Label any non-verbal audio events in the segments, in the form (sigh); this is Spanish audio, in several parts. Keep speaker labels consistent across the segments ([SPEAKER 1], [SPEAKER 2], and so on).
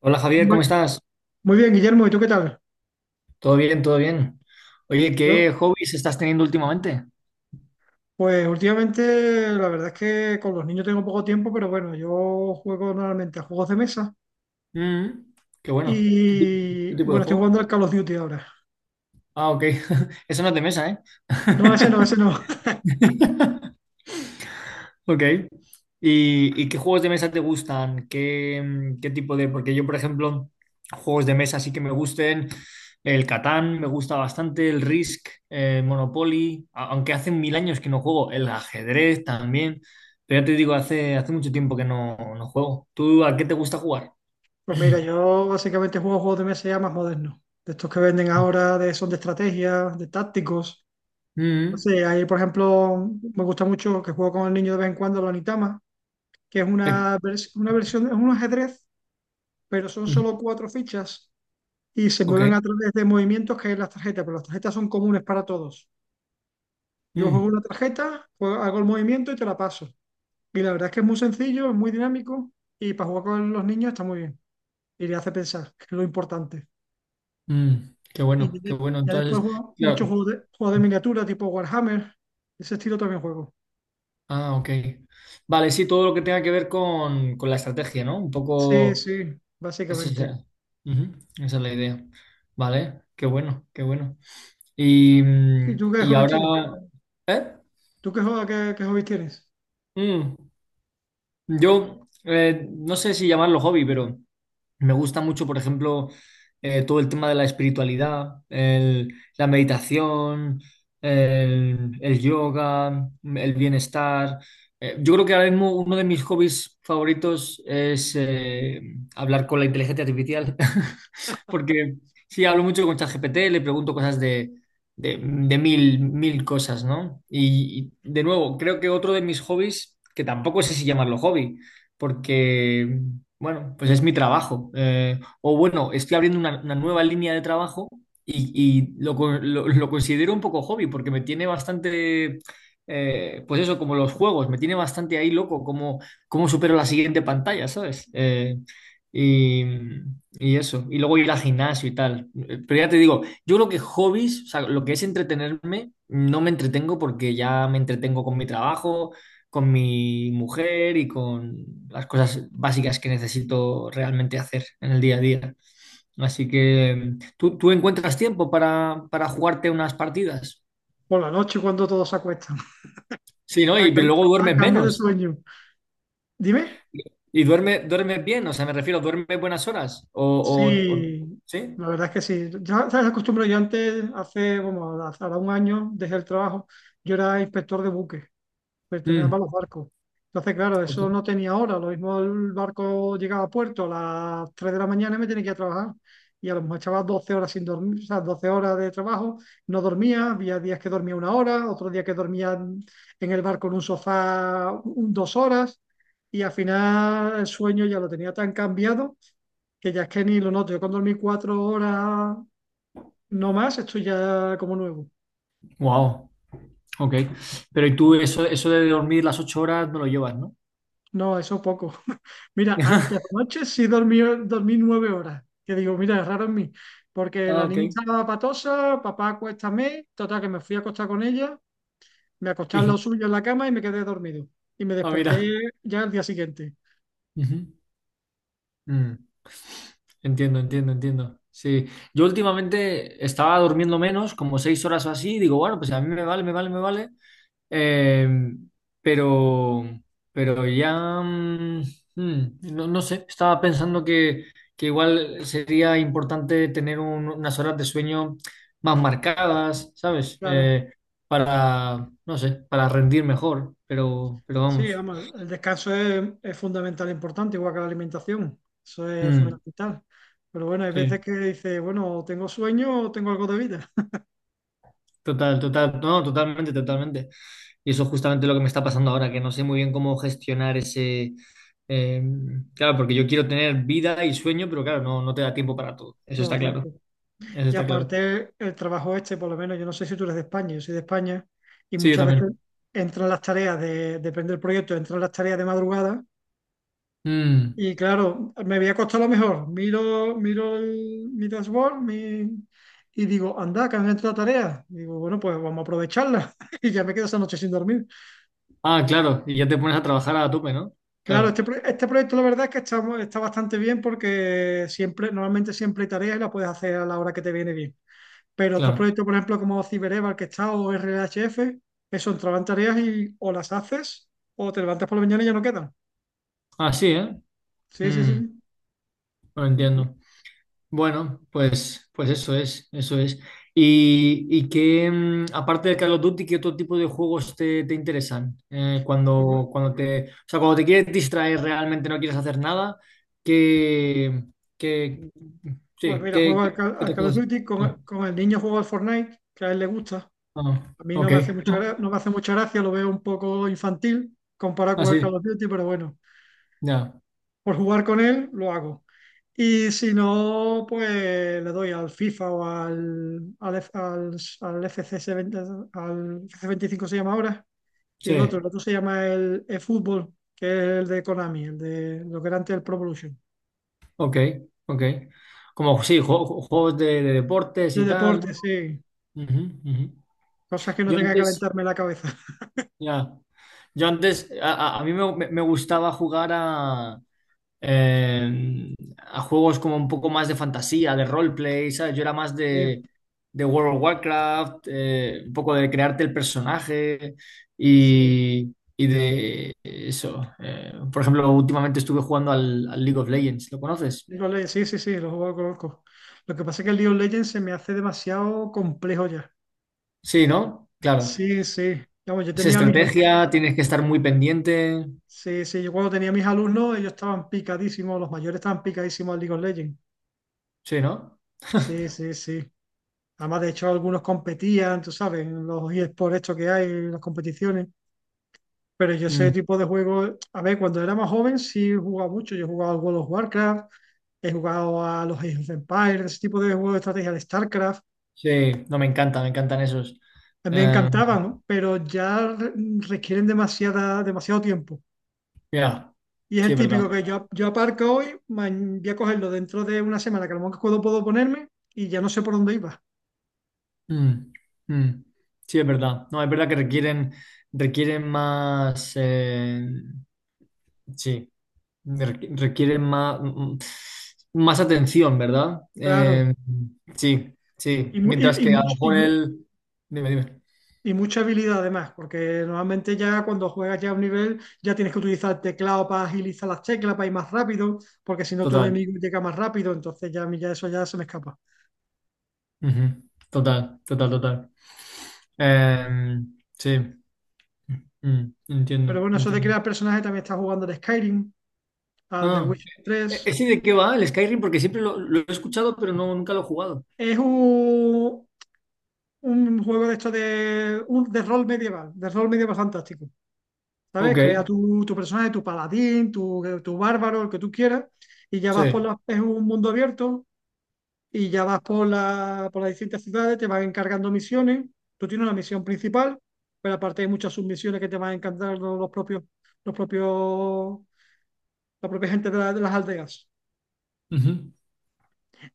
[SPEAKER 1] Hola Javier,
[SPEAKER 2] Muy
[SPEAKER 1] ¿cómo estás?
[SPEAKER 2] muy bien, Guillermo, ¿y tú qué tal?
[SPEAKER 1] ¿Todo bien? ¿Todo bien? Oye, ¿qué
[SPEAKER 2] ¿No?
[SPEAKER 1] hobbies estás teniendo últimamente?
[SPEAKER 2] Pues últimamente la verdad es que con los niños tengo poco tiempo, pero bueno, yo juego normalmente a juegos de mesa
[SPEAKER 1] Mm, qué bueno. Qué
[SPEAKER 2] y
[SPEAKER 1] tipo de
[SPEAKER 2] bueno, estoy jugando al
[SPEAKER 1] juego?
[SPEAKER 2] Call of Duty ahora.
[SPEAKER 1] Ah, ok. (laughs) Eso no es de mesa, ¿eh?
[SPEAKER 2] No, ese no, ese no. (laughs)
[SPEAKER 1] (laughs) Ok. ¿Y qué juegos de mesa te gustan? ¿Qué, qué tipo de...? Porque yo, por ejemplo, juegos de mesa sí que me gusten. El Catán me gusta bastante, el Risk, el Monopoly, aunque hace 1000 años que no juego. El ajedrez también. Pero ya te digo, hace mucho tiempo que no juego. ¿Tú a qué te gusta jugar?
[SPEAKER 2] Pues mira, yo básicamente juego juegos de mesa ya más modernos, de estos que venden ahora, son de estrategias, de tácticos. No
[SPEAKER 1] Mm,
[SPEAKER 2] sé, ahí por ejemplo me gusta mucho que juego con el niño de vez en cuando, la Onitama, que es
[SPEAKER 1] eh,
[SPEAKER 2] una versión, es un ajedrez, pero son solo
[SPEAKER 1] mm,
[SPEAKER 2] cuatro fichas y se mueven a
[SPEAKER 1] ok.
[SPEAKER 2] través de movimientos que es las tarjetas, pero las tarjetas son comunes para todos. Yo juego
[SPEAKER 1] Mm,
[SPEAKER 2] una tarjeta, hago el movimiento y te la paso. Y la verdad es que es muy sencillo, es muy dinámico y para jugar con los niños está muy bien. Y le hace pensar, que es lo importante.
[SPEAKER 1] mm, qué
[SPEAKER 2] Y ya,
[SPEAKER 1] bueno, qué
[SPEAKER 2] de-
[SPEAKER 1] bueno.
[SPEAKER 2] ya después
[SPEAKER 1] Entonces,
[SPEAKER 2] juego muchos
[SPEAKER 1] claro.
[SPEAKER 2] juegos de miniatura tipo Warhammer, ese estilo también juego.
[SPEAKER 1] Ah, ok. Vale, sí, todo lo que tenga que ver con la estrategia, ¿no? Un
[SPEAKER 2] Sí,
[SPEAKER 1] poco...
[SPEAKER 2] sí,
[SPEAKER 1] Esa es,
[SPEAKER 2] básicamente.
[SPEAKER 1] la- Ujú, esa es la idea. Vale, qué bueno, qué bueno. Y,
[SPEAKER 2] ¿Y
[SPEAKER 1] mm,
[SPEAKER 2] tú qué
[SPEAKER 1] y
[SPEAKER 2] hobbies
[SPEAKER 1] ahora...
[SPEAKER 2] tienes?
[SPEAKER 1] ¿Eh?
[SPEAKER 2] ¿Tú qué hobbies tienes?
[SPEAKER 1] Mm, yo no sé si llamarlo hobby, pero... Me gusta mucho, por ejemplo, todo el tema de la espiritualidad, la meditación, el yoga, el bienestar. Yo creo que ahora mismo uno de mis hobbies favoritos es hablar con la inteligencia artificial, (laughs) porque sí, hablo mucho con ChatGPT, le pregunto cosas de mil, mil cosas, ¿no? De nuevo, creo que otro de mis hobbies, que tampoco sé si llamarlo hobby, porque bueno, pues es mi trabajo. O bueno, estoy abriendo una nueva línea de trabajo y lo considero un poco hobby porque me tiene bastante, pues eso, como los juegos, me tiene bastante ahí loco, como cómo supero la siguiente pantalla, ¿sabes? Y, y eso, y luego ir al gimnasio y tal. Pero ya te digo, yo creo que hobbies, o sea, lo que es entretenerme, no me entretengo porque ya me entretengo con mi trabajo con mi mujer y con las cosas básicas que necesito realmente hacer en el día a día. Así que, ¿tú encuentras tiempo para jugarte unas partidas?
[SPEAKER 2] Por la noche cuando todos se acuestan, (laughs)
[SPEAKER 1] Sí, ¿no?
[SPEAKER 2] a,
[SPEAKER 1] Y
[SPEAKER 2] cam-
[SPEAKER 1] luego
[SPEAKER 2] a
[SPEAKER 1] duermes
[SPEAKER 2] cambio de
[SPEAKER 1] menos.
[SPEAKER 2] sueño. Dime.
[SPEAKER 1] ¿Y duermes bien? O sea, me refiero, ¿duermes buenas horas? O- o-
[SPEAKER 2] Sí,
[SPEAKER 1] ¿sí?
[SPEAKER 2] la verdad es que sí. Ya ¿sabes la costumbre? Yo antes, hace, bueno, hace ahora un año, dejé el trabajo. Yo era inspector de buques, pertenecía
[SPEAKER 1] Mm,
[SPEAKER 2] a los barcos. Entonces, claro,
[SPEAKER 1] ok.
[SPEAKER 2] eso no tenía hora. Lo mismo el barco llegaba a puerto a las 3 de la mañana y me tenía que ir a trabajar. Y a lo mejor echaba 12 horas sin dormir, o sea, 12 horas de trabajo, no dormía. Había días que dormía una hora, otros días que dormía en el barco en un sofá 2 horas. Y al final el sueño ya lo tenía tan cambiado que ya es que ni lo noto. Yo con dormir 4 horas no más, estoy ya como nuevo.
[SPEAKER 1] Wow, ok. Pero ¿y tú eso, eso de dormir las 8 horas no lo llevas, ¿no?
[SPEAKER 2] No, eso poco. (laughs) Mira, antes
[SPEAKER 1] (laughs)
[SPEAKER 2] anoche sí dormí 9 horas. Que digo, mira, es raro en mí. Porque
[SPEAKER 1] Ah,
[SPEAKER 2] la
[SPEAKER 1] ok.
[SPEAKER 2] niña estaba patosa, papá acuéstame, total que me fui a acostar con ella, me acosté al lado
[SPEAKER 1] (laughs)
[SPEAKER 2] suyo en la cama y me quedé dormido. Y me
[SPEAKER 1] Ah,
[SPEAKER 2] desperté
[SPEAKER 1] mira.
[SPEAKER 2] ya al día siguiente.
[SPEAKER 1] Ujú. Mm. Entiendo, entiendo, entiendo. Sí, yo últimamente estaba durmiendo menos, como 6 horas o así, y digo, bueno, pues a mí me vale, me vale, me vale. Eh, pero, pero ya, no, no sé, estaba pensando que igual sería importante tener unas horas de sueño más marcadas, ¿sabes?
[SPEAKER 2] Claro.
[SPEAKER 1] Para, no sé, para rendir mejor, pero
[SPEAKER 2] Sí,
[SPEAKER 1] vamos.
[SPEAKER 2] vamos, el descanso es fundamental, e importante, igual que la alimentación. Eso es
[SPEAKER 1] Mm,
[SPEAKER 2] fundamental. Pero bueno, hay veces
[SPEAKER 1] sí.
[SPEAKER 2] que dices, bueno, tengo sueño o tengo algo de vida. (laughs)
[SPEAKER 1] Total, total, no, totalmente, totalmente. Y eso es justamente lo que me está pasando ahora, que no sé muy bien cómo gestionar ese... eh, claro, porque yo quiero tener vida y sueño, pero claro, no, no te da tiempo para todo. Eso
[SPEAKER 2] No,
[SPEAKER 1] está claro,
[SPEAKER 2] tiempo.
[SPEAKER 1] eso
[SPEAKER 2] Y
[SPEAKER 1] está claro.
[SPEAKER 2] aparte, el trabajo este, por lo menos, yo no sé si tú eres de España, yo soy de España, y
[SPEAKER 1] Sí, yo
[SPEAKER 2] muchas veces
[SPEAKER 1] también.
[SPEAKER 2] entran las tareas de, depende del proyecto, entran las tareas de madrugada.
[SPEAKER 1] Mm.
[SPEAKER 2] Y claro, me voy a acostar a lo mejor. Miro mi dashboard, y digo, anda, que han entrado tareas. Digo, bueno, pues vamos a aprovecharla. (laughs) Y ya me quedo esa noche sin dormir.
[SPEAKER 1] Ah, claro, y ya te pones a trabajar a tope, ¿no?
[SPEAKER 2] Claro, este,
[SPEAKER 1] Claro,
[SPEAKER 2] pro- este proyecto la verdad es que está bastante bien porque normalmente siempre hay tareas y las puedes hacer a la hora que te viene bien. Pero otros
[SPEAKER 1] claro.
[SPEAKER 2] proyectos, por ejemplo, como CyberEval que está o RHF, eso entraban tareas y o las haces o te levantas por la mañana y ya no quedan.
[SPEAKER 1] Ah, sí, ¿eh?
[SPEAKER 2] Sí, sí,
[SPEAKER 1] Mm,
[SPEAKER 2] sí.
[SPEAKER 1] no entiendo. Bueno, pues, pues eso es, eso es. ¿Y qué, aparte de Call of Duty, qué otro tipo de juegos te, te interesan?
[SPEAKER 2] Pues
[SPEAKER 1] Cuando te, o sea, cuando te quieres distraer realmente, no quieres hacer nada, ¿qué, qué,
[SPEAKER 2] pues
[SPEAKER 1] sí,
[SPEAKER 2] mira,
[SPEAKER 1] qué,
[SPEAKER 2] juego al, Cal
[SPEAKER 1] qué
[SPEAKER 2] al
[SPEAKER 1] te
[SPEAKER 2] Call of
[SPEAKER 1] haces?
[SPEAKER 2] Duty,
[SPEAKER 1] Sí.
[SPEAKER 2] con el niño juego al Fortnite, que a él le gusta.
[SPEAKER 1] Ah,
[SPEAKER 2] A mí no
[SPEAKER 1] ok,
[SPEAKER 2] me hace mucha,
[SPEAKER 1] (laughs)
[SPEAKER 2] gra- no me hace mucha gracia, lo veo un poco infantil comparado con el Call
[SPEAKER 1] así,
[SPEAKER 2] of Duty, pero bueno.
[SPEAKER 1] ya,
[SPEAKER 2] Por jugar con él, lo hago. Y si no, pues le doy al FIFA o al FCS 20, al FC 25 se llama ahora, y el otro,
[SPEAKER 1] sí,
[SPEAKER 2] el otro se llama el eFootball, que es el de Konami, el de lo que era antes el Pro Evolution.
[SPEAKER 1] ok, ok. Como, sí, juegos de deportes
[SPEAKER 2] De
[SPEAKER 1] y tal,
[SPEAKER 2] deporte,
[SPEAKER 1] ¿no?
[SPEAKER 2] sí.
[SPEAKER 1] Ujú, ujú.
[SPEAKER 2] Cosas que no
[SPEAKER 1] Yo
[SPEAKER 2] tenga que
[SPEAKER 1] antes,
[SPEAKER 2] calentarme la cabeza. (laughs)
[SPEAKER 1] ya. Yo antes, a mí me gustaba jugar a juegos como un poco más de fantasía, de roleplay, ¿sabes? Yo era más
[SPEAKER 2] Sí,
[SPEAKER 1] de World of Warcraft, un poco de crearte el personaje
[SPEAKER 2] sí.
[SPEAKER 1] y de eso. Por ejemplo, últimamente estuve jugando al, al League of Legends, ¿lo conoces?
[SPEAKER 2] League of Legends, sí, sí, sí, lo juego, lo conozco. Lo que pasa es que el League of Legends se me hace demasiado complejo ya.
[SPEAKER 1] Sí, ¿no? Claro.
[SPEAKER 2] Sí, sí. Vamos,
[SPEAKER 1] Es estrategia, tienes que estar muy pendiente,
[SPEAKER 2] sí, sí, yo cuando tenía mis alumnos, ellos estaban picadísimos, los mayores estaban picadísimos al League of Legends.
[SPEAKER 1] sí, ¿no?
[SPEAKER 2] Sí, sí, sí. Además, de hecho, algunos competían, tú sabes, en los por esto que hay, en las competiciones. Pero yo ese
[SPEAKER 1] Mm.
[SPEAKER 2] tipo de juegos, a ver, cuando era más joven sí jugaba mucho. Yo he jugado al World of Warcraft, he jugado a los Age of Empires, ese tipo de juegos de estrategia, al StarCraft.
[SPEAKER 1] Sí, no me encanta, me encantan esos.
[SPEAKER 2] Me
[SPEAKER 1] Eh,
[SPEAKER 2] encantaban, ¿no? Pero ya requieren demasiado tiempo.
[SPEAKER 1] mira,
[SPEAKER 2] Y es
[SPEAKER 1] sí,
[SPEAKER 2] el
[SPEAKER 1] es verdad.
[SPEAKER 2] típico que yo aparco hoy, voy a cogerlo dentro de una semana, que a lo mejor puedo ponerme y ya no sé por dónde iba.
[SPEAKER 1] Mm, mm. Sí, es verdad. No, es verdad que requieren, requieren más, sí, requieren más, más atención, ¿verdad?
[SPEAKER 2] Claro.
[SPEAKER 1] Sí, sí.
[SPEAKER 2] Y, mu- y,
[SPEAKER 1] Mientras
[SPEAKER 2] y
[SPEAKER 1] que a lo
[SPEAKER 2] much- y
[SPEAKER 1] mejor
[SPEAKER 2] mu-
[SPEAKER 1] el... Dime, dime.
[SPEAKER 2] y mucha habilidad además, porque normalmente ya cuando juegas ya a un nivel, ya tienes que utilizar el teclado para agilizar las teclas, para ir más rápido, porque si no tu
[SPEAKER 1] Total.
[SPEAKER 2] enemigo llega más rápido, entonces ya, a mí ya eso ya se me escapa.
[SPEAKER 1] Ujú. Total, total, total. Eh, sí,
[SPEAKER 2] Pero
[SPEAKER 1] entiendo,
[SPEAKER 2] bueno, eso de
[SPEAKER 1] entiendo.
[SPEAKER 2] crear personajes también está jugando al Skyrim, al The
[SPEAKER 1] Ah,
[SPEAKER 2] Witcher 3.
[SPEAKER 1] ¿ese de qué va el Skyrim? Porque siempre lo he escuchado, pero no, nunca lo he jugado.
[SPEAKER 2] Es un juego de rol medieval, fantástico. ¿Sabes?
[SPEAKER 1] Ok,
[SPEAKER 2] Crea tu personaje, tu paladín, tu bárbaro, el que tú quieras, y ya vas
[SPEAKER 1] sí,
[SPEAKER 2] es un mundo abierto, y ya vas por las distintas ciudades, te van encargando misiones, tú tienes una misión principal, pero aparte hay muchas submisiones que te van encargando los propios, la propia gente de las aldeas.
[SPEAKER 1] ujú,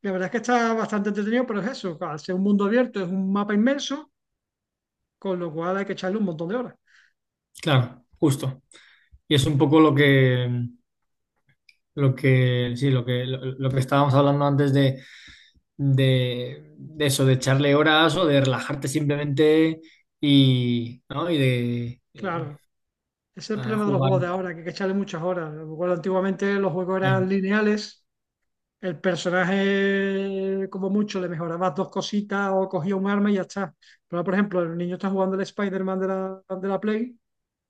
[SPEAKER 2] La verdad es que está bastante entretenido, pero es eso, al ser un mundo abierto, es un mapa inmenso, con lo cual hay que echarle un montón de horas.
[SPEAKER 1] claro, justo. Y es un poco lo que, sí, lo que estábamos hablando antes de eso, de echarle horas o de relajarte simplemente ¿no? Y de
[SPEAKER 2] Claro. Ese es el
[SPEAKER 1] a
[SPEAKER 2] problema de los
[SPEAKER 1] jugar.
[SPEAKER 2] juegos de ahora, que hay que echarle muchas horas. Recuerdo, antiguamente los juegos eran
[SPEAKER 1] Bueno,
[SPEAKER 2] lineales, el personaje como mucho le mejorabas dos cositas o cogía un arma y ya está. Pero por ejemplo, el niño está jugando el Spider-Man de la Play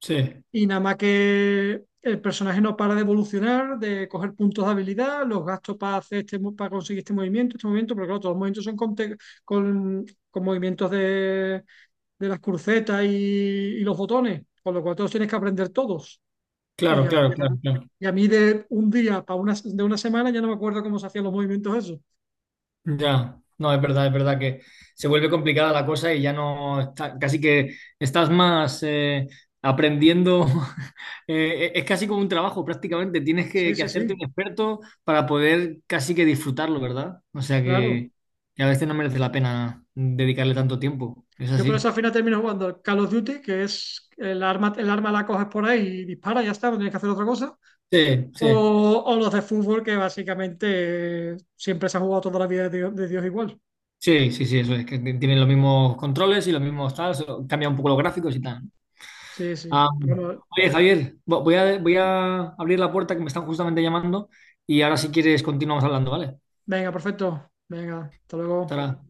[SPEAKER 1] sí,
[SPEAKER 2] y nada más que el personaje no para de evolucionar, de coger puntos de habilidad, los gastos para hacer para conseguir este movimiento, pero claro, todos los movimientos son con, con movimientos de las crucetas y los botones, con lo cual todos tienes que aprender todos. Y
[SPEAKER 1] claro,
[SPEAKER 2] ya,
[SPEAKER 1] claro,
[SPEAKER 2] ya-
[SPEAKER 1] claro, claro.
[SPEAKER 2] y a mí de un día de una semana ya no me acuerdo cómo se hacían los movimientos esos.
[SPEAKER 1] Ya, no, es verdad que se vuelve complicada la cosa y ya no está, casi que estás más aprendiendo, (laughs) es casi como un trabajo prácticamente, tienes
[SPEAKER 2] Sí,
[SPEAKER 1] que
[SPEAKER 2] sí, sí,
[SPEAKER 1] hacerte un experto para poder casi que disfrutarlo, ¿verdad? O sea
[SPEAKER 2] claro.
[SPEAKER 1] que a veces no merece la pena dedicarle tanto tiempo, es
[SPEAKER 2] Yo por eso
[SPEAKER 1] así.
[SPEAKER 2] al final termino jugando al Call of Duty, que es el arma la coges por ahí y dispara, ya está, no tienes que hacer otra cosa.
[SPEAKER 1] Sí, sí,
[SPEAKER 2] O, o los de fútbol, que básicamente siempre se ha jugado toda la vida de Dios igual.
[SPEAKER 1] sí, sí, sí, eso es, que tienen los mismos controles y los mismos tal, solo cambia un poco los gráficos y tal.
[SPEAKER 2] Sí, sí.
[SPEAKER 1] Ah,
[SPEAKER 2] Pero bueno,
[SPEAKER 1] oye, Javier, voy a, voy a abrir la puerta que me están justamente llamando y ahora si quieres continuamos hablando, ¿vale?
[SPEAKER 2] venga, perfecto. Venga, hasta luego.
[SPEAKER 1] Tara.